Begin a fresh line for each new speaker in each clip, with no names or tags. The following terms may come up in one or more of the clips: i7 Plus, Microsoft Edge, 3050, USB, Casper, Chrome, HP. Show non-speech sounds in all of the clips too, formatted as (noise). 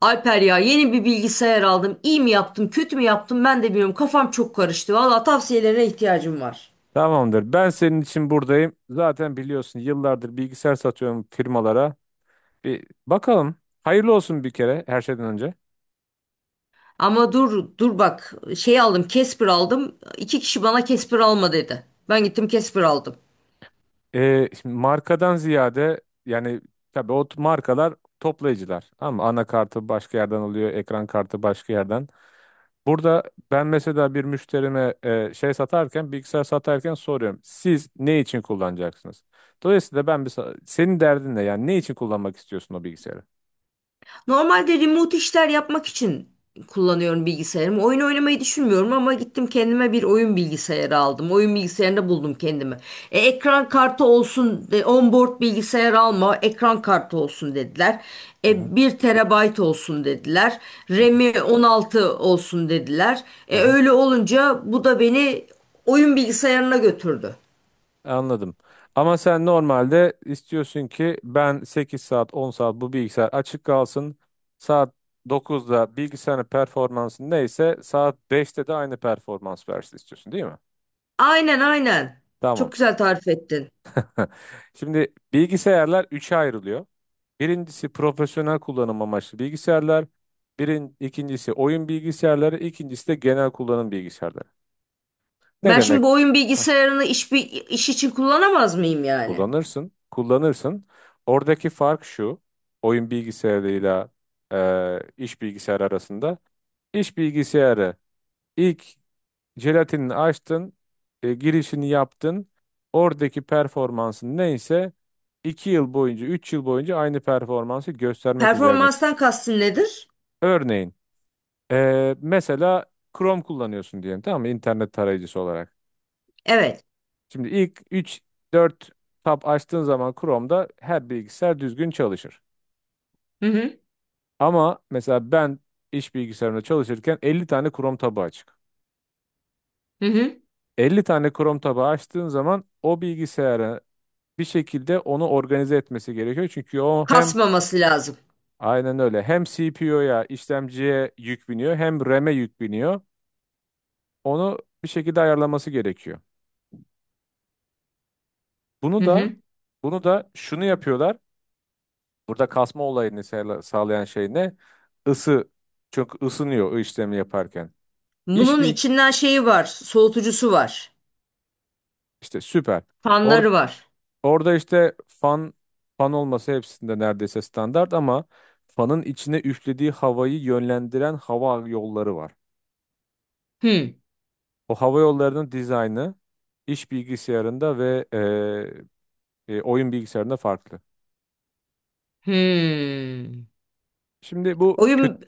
Alper ya, yeni bir bilgisayar aldım. İyi mi yaptım, kötü mü yaptım ben de bilmiyorum. Kafam çok karıştı. Valla tavsiyelerine ihtiyacım var.
Tamamdır. Ben senin için buradayım. Zaten biliyorsun yıllardır bilgisayar satıyorum firmalara. Bir bakalım. Hayırlı olsun bir kere her şeyden önce.
Ama dur bak, şey aldım, Casper aldım. İki kişi bana Casper alma dedi. Ben gittim Casper aldım.
Şimdi markadan ziyade yani tabii o markalar toplayıcılar. Ama anakartı başka yerden alıyor, ekran kartı başka yerden. Burada ben mesela bir müşterime şey satarken, bilgisayar satarken soruyorum. Siz ne için kullanacaksınız? Dolayısıyla ben senin derdin ne? Yani ne için kullanmak istiyorsun o bilgisayarı?
Normalde remote işler yapmak için kullanıyorum bilgisayarımı. Oyun oynamayı düşünmüyorum ama gittim kendime bir oyun bilgisayarı aldım. Oyun bilgisayarında buldum kendimi. Ekran kartı olsun, onboard bilgisayar alma, ekran kartı olsun dediler.
Hı hı.
Bir terabayt olsun dediler.
Hı hı.
RAM'i 16 olsun dediler. Öyle olunca bu da beni oyun bilgisayarına götürdü.
Anladım. Ama sen normalde istiyorsun ki ben 8 saat 10 saat bu bilgisayar açık kalsın. Saat 9'da bilgisayarın performansı neyse saat 5'te de aynı performans versin istiyorsun değil mi?
Aynen, aynen.
Tamam.
Çok güzel tarif ettin.
(laughs) Şimdi bilgisayarlar 3'e ayrılıyor. Birincisi profesyonel kullanım amaçlı bilgisayarlar. İkincisi oyun bilgisayarları, ikincisi de genel kullanım bilgisayarları. Ne
Ben
demek?
şimdi bu oyun bilgisayarını iş için kullanamaz mıyım yani?
Kullanırsın, kullanırsın. Oradaki fark şu, oyun bilgisayarıyla iş bilgisayarı arasında. İş bilgisayarı ilk jelatinini açtın, girişini yaptın. Oradaki performansın neyse 2 yıl boyunca, 3 yıl boyunca aynı performansı göstermek üzerine.
Performanstan kastın nedir?
Örneğin, mesela Chrome kullanıyorsun diyelim, tamam mı? İnternet tarayıcısı olarak.
Evet.
Şimdi ilk üç dört tab açtığın zaman Chrome'da her bilgisayar düzgün çalışır.
Hı hı.
Ama mesela ben iş bilgisayarımda çalışırken 50 tane Chrome tabu açık.
Hı hı.
50 tane Chrome tabu açtığın zaman o bilgisayara bir şekilde onu organize etmesi gerekiyor. Çünkü o hem
Kasmaması lazım.
aynen öyle hem CPU'ya, işlemciye yük biniyor, hem RAM'e yük biniyor. Onu bir şekilde ayarlaması gerekiyor. Bunu
Hı
da
hı.
bunu da şunu yapıyorlar. Burada kasma olayını sağlayan şey ne? Isı. Çok ısınıyor o işlemi yaparken. İş
Bunun
bir
içinden şeyi var. Soğutucusu var.
işte süper.
Fanları var.
Orada işte fan olması hepsinde neredeyse standart ama fanın içine üflediği havayı yönlendiren hava yolları var.
Hı.
O hava yollarının dizaynı iş bilgisayarında ve oyun bilgisayarında farklı.
Hı.
Şimdi bu kötü.
Oyun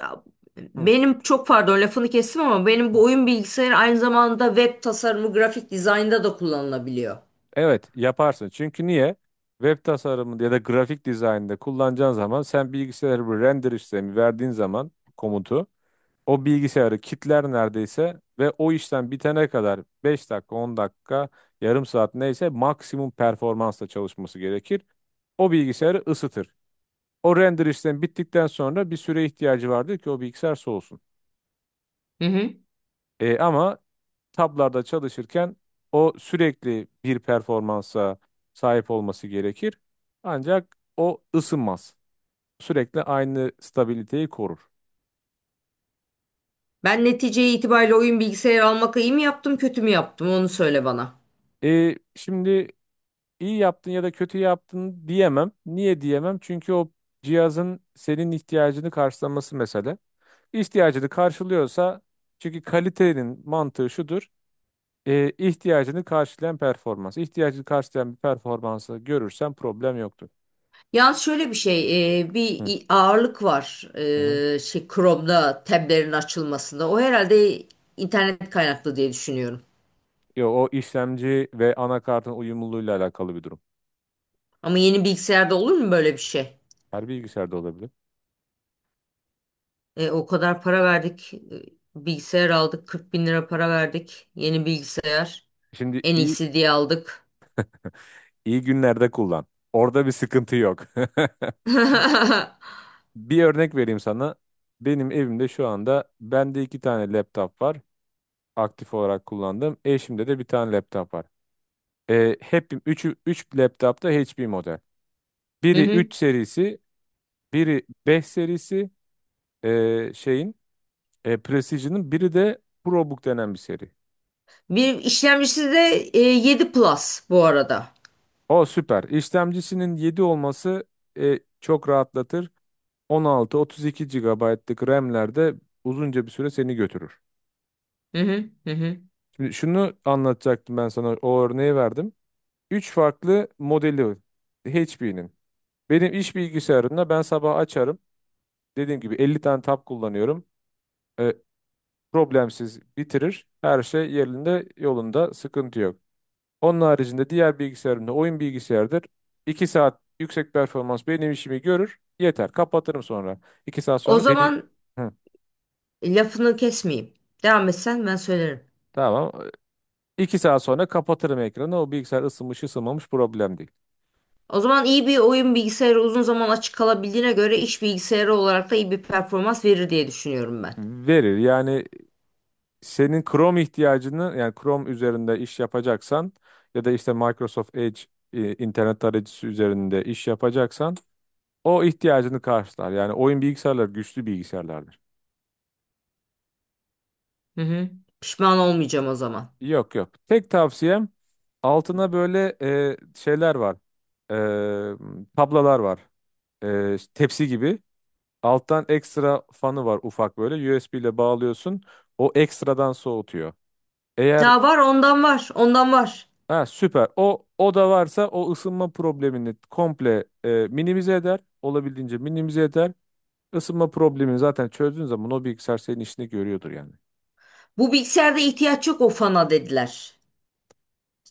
Hı.
Benim, çok pardon, lafını kestim ama benim bu oyun bilgisayarı aynı zamanda web tasarımı, grafik dizaynda da kullanılabiliyor.
Evet, yaparsın. Çünkü niye? Web tasarımında ya da grafik dizaynında kullanacağın zaman sen bilgisayarı bir render işlemi verdiğin zaman komutu o bilgisayarı kitler neredeyse ve o işlem bitene kadar 5 dakika, 10 dakika, yarım saat neyse maksimum performansla çalışması gerekir. O bilgisayarı ısıtır. O render işlemi bittikten sonra bir süre ihtiyacı vardır ki o bilgisayar soğusun.
Hı hı.
Ama tablarda çalışırken o sürekli bir performansa sahip olması gerekir. Ancak o ısınmaz. Sürekli aynı stabiliteyi korur.
Ben neticeye itibariyle oyun bilgisayarı almak iyi mi yaptım, kötü mü yaptım onu söyle bana.
Şimdi İyi yaptın ya da kötü yaptın diyemem. Niye diyemem? Çünkü o cihazın senin ihtiyacını karşılaması mesele. İhtiyacını karşılıyorsa, çünkü kalitenin mantığı şudur. İhtiyacını karşılayan performans. İhtiyacını karşılayan bir performansı görürsen problem yoktur.
Yalnız şöyle bir şey, bir
Hı
ağırlık var,
hı. Hı.
şey, Chrome'da tablerin açılmasında. O herhalde internet kaynaklı diye düşünüyorum.
Yo, o işlemci ve anakartın uyumluluğuyla alakalı bir durum.
Ama yeni bilgisayarda olur mu böyle bir şey?
Her bilgisayarda olabilir.
O kadar para verdik, bilgisayar aldık, 40 bin lira para verdik, yeni bilgisayar,
Şimdi
en
iyi
iyisi diye aldık.
iyi günlerde kullan. Orada bir sıkıntı yok.
(laughs)
(laughs)
Hı
Bir örnek vereyim sana. Benim evimde şu anda bende iki tane laptop var. Aktif olarak kullandığım. Eşimde de bir tane laptop var. Hep üçü, üç laptop da HP model. Biri
hı.
3 serisi, biri 5 serisi, şeyin, Precision'ın, biri de ProBook denen bir seri.
Bir işlemcisi de 7 Plus bu arada.
O süper. İşlemcisinin 7 olması çok rahatlatır. 16, 32 GB'lık RAM'lerde uzunca bir süre seni götürür.
Hı hı, hı hı.
Şimdi şunu anlatacaktım, ben sana o örneği verdim. Üç farklı modeli var HP'nin. Benim iş bilgisayarında ben sabah açarım. Dediğim gibi 50 tane tab kullanıyorum. E, problemsiz bitirir. Her şey yerinde yolunda, sıkıntı yok. Onun haricinde, diğer bilgisayarımda oyun bilgisayardır. 2 saat yüksek performans benim işimi görür. Yeter. Kapatırım sonra. 2 saat
O
sonra deli...
zaman
Hı,
lafını kesmeyeyim. Devam etsen ben söylerim.
tamam. 2 saat sonra kapatırım ekranı. O bilgisayar ısınmış ısınmamış, problem değil.
O zaman iyi bir oyun bilgisayarı uzun zaman açık kalabildiğine göre iş bilgisayarı olarak da iyi bir performans verir diye düşünüyorum ben.
Verir. Yani senin Chrome ihtiyacını, yani Chrome üzerinde iş yapacaksan ya da işte Microsoft Edge, internet tarayıcısı üzerinde iş yapacaksan o ihtiyacını karşılar. Yani oyun bilgisayarları güçlü bilgisayarlardır.
Hı hı. Pişman olmayacağım o zaman.
Yok yok. Tek tavsiyem, altına böyle şeyler var. Tablalar var. İşte tepsi gibi. Alttan ekstra fanı var, ufak böyle. USB ile bağlıyorsun. O ekstradan soğutuyor. Eğer.
Ya, var ondan, var ondan, var.
Ha, süper. O da varsa o ısınma problemini komple minimize eder. Olabildiğince minimize eder. Isınma problemini zaten çözdüğün zaman o bilgisayar senin işini görüyordur yani.
Bu bilgisayarda ihtiyaç yok o fana dediler.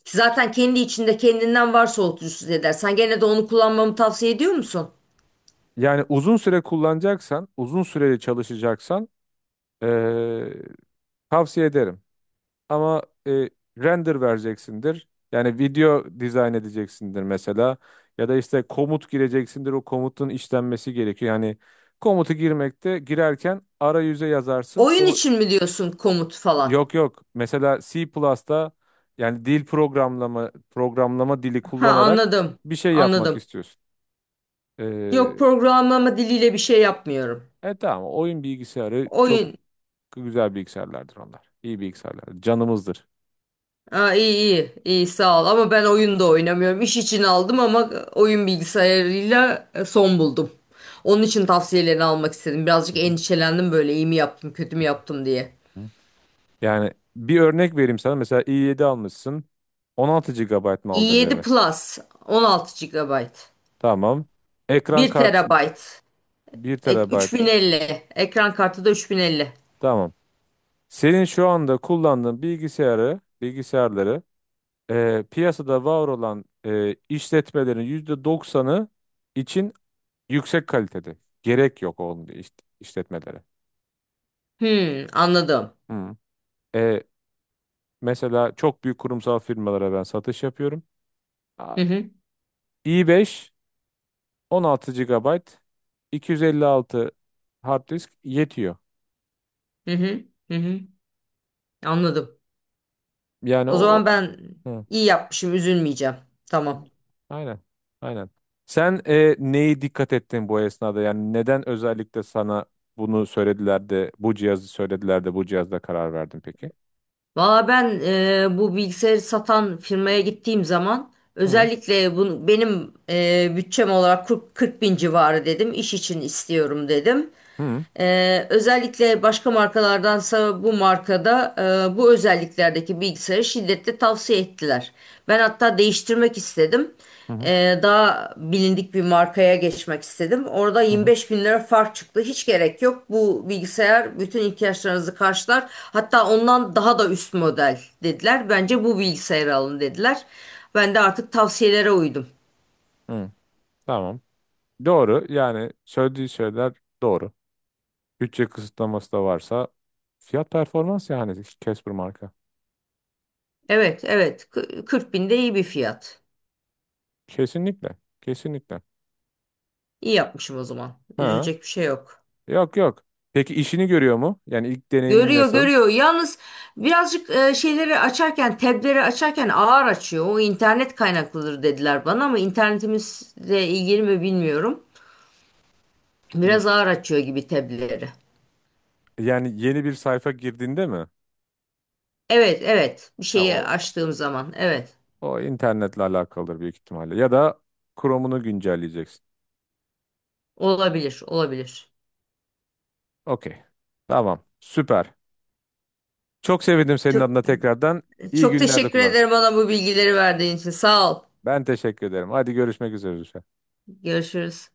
Zaten kendi içinde kendinden var soğutucusu dediler. Sen gene de onu kullanmamı tavsiye ediyor musun?
Yani uzun süre kullanacaksan, uzun süreli çalışacaksan, e, tavsiye ederim. Ama render vereceksindir. Yani video dizayn edeceksindir mesela. Ya da işte komut gireceksindir. O komutun işlenmesi gerekiyor. Yani komutu girerken arayüze yazarsın.
Oyun
O.
için mi diyorsun, komut falan?
Yok yok. Mesela C Plus'ta, yani dil, programlama dili
Ha,
kullanarak
anladım,
bir şey yapmak
anladım.
istiyorsun.
Yok,
Ee,
programlama diliyle bir şey yapmıyorum.
tamam, oyun bilgisayarı çok
Oyun
güzel bilgisayarlardır onlar. İyi bilgisayarlar. Canımızdır.
Aa, iyi, iyi, iyi, sağ ol, ama ben oyun da oynamıyorum. İş için aldım ama oyun bilgisayarıyla son buldum. Onun için tavsiyelerini almak istedim.
Hı
Birazcık
hı.
endişelendim, böyle iyi mi yaptım kötü mü yaptım diye.
Hı. Yani bir örnek vereyim sana. Mesela i7 almışsın. 16 GB mı aldın
i7
RAM'i?
Plus, 16 gigabayt,
Tamam. Ekran
bir
kartı
TB,
bir TB.
3050, ekran kartı da 3050.
Tamam. Senin şu anda kullandığın bilgisayarları, piyasada var olan, işletmelerin %90'ı için yüksek kalitede. Gerek yok onun işletmelere.
Hmm, anladım.
Hı. E, mesela çok büyük kurumsal firmalara ben satış yapıyorum. Aa,
Hı hı,
i5, 16 GB, 256 hard disk yetiyor.
hı hı, hı hı, anladım.
Yani
O zaman
o.
ben iyi yapmışım, üzülmeyeceğim. Tamam.
Aynen. Aynen. Sen neyi dikkat ettin bu esnada? Yani neden özellikle sana bunu söylediler de bu cihazı söylediler de bu cihazda karar verdin peki?
Valla ben, bu bilgisayarı satan firmaya gittiğim zaman
Hı
özellikle bunu benim, bütçem olarak 40 bin civarı dedim. İş için istiyorum dedim.
hı
Özellikle başka markalardansa bu markada, bu özelliklerdeki bilgisayarı şiddetle tavsiye ettiler. Ben hatta değiştirmek istedim.
hı hı
Daha bilindik bir markaya geçmek istedim. Orada
hı. Hı.
25 bin lira fark çıktı. Hiç gerek yok. Bu bilgisayar bütün ihtiyaçlarınızı karşılar. Hatta ondan daha da üst model dediler. Bence bu bilgisayarı alın dediler. Ben de artık tavsiyelere uydum.
Tamam. Doğru. Yani söylediği şeyler doğru. Bütçe kısıtlaması da varsa fiyat performans, yani Casper marka.
Evet, evet. 40 bin de iyi bir fiyat.
Kesinlikle. Kesinlikle.
İyi yapmışım o zaman.
Ha.
Üzülecek bir şey yok.
Yok yok. Peki işini görüyor mu? Yani ilk deneyimin
Görüyor,
nasıl?
görüyor. Yalnız birazcık şeyleri açarken, tableri açarken ağır açıyor. O internet kaynaklıdır dediler bana ama internetimizle ilgili mi bilmiyorum.
Hı.
Biraz ağır açıyor gibi tableri.
Yani yeni bir sayfa girdiğinde mi?
Evet, evet, bir
Ha,
şeyi
o,
açtığım zaman, evet,
O internetle alakalıdır büyük ihtimalle. Ya da Chrome'unu güncelleyeceksin.
olabilir, olabilir.
Okey. Tamam. Süper. Çok sevindim senin
Çok,
adına tekrardan. İyi
çok
günlerde
teşekkür
kullan.
ederim, bana bu bilgileri verdiğin için, sağ ol.
Ben teşekkür ederim. Hadi görüşmek üzere.
Görüşürüz.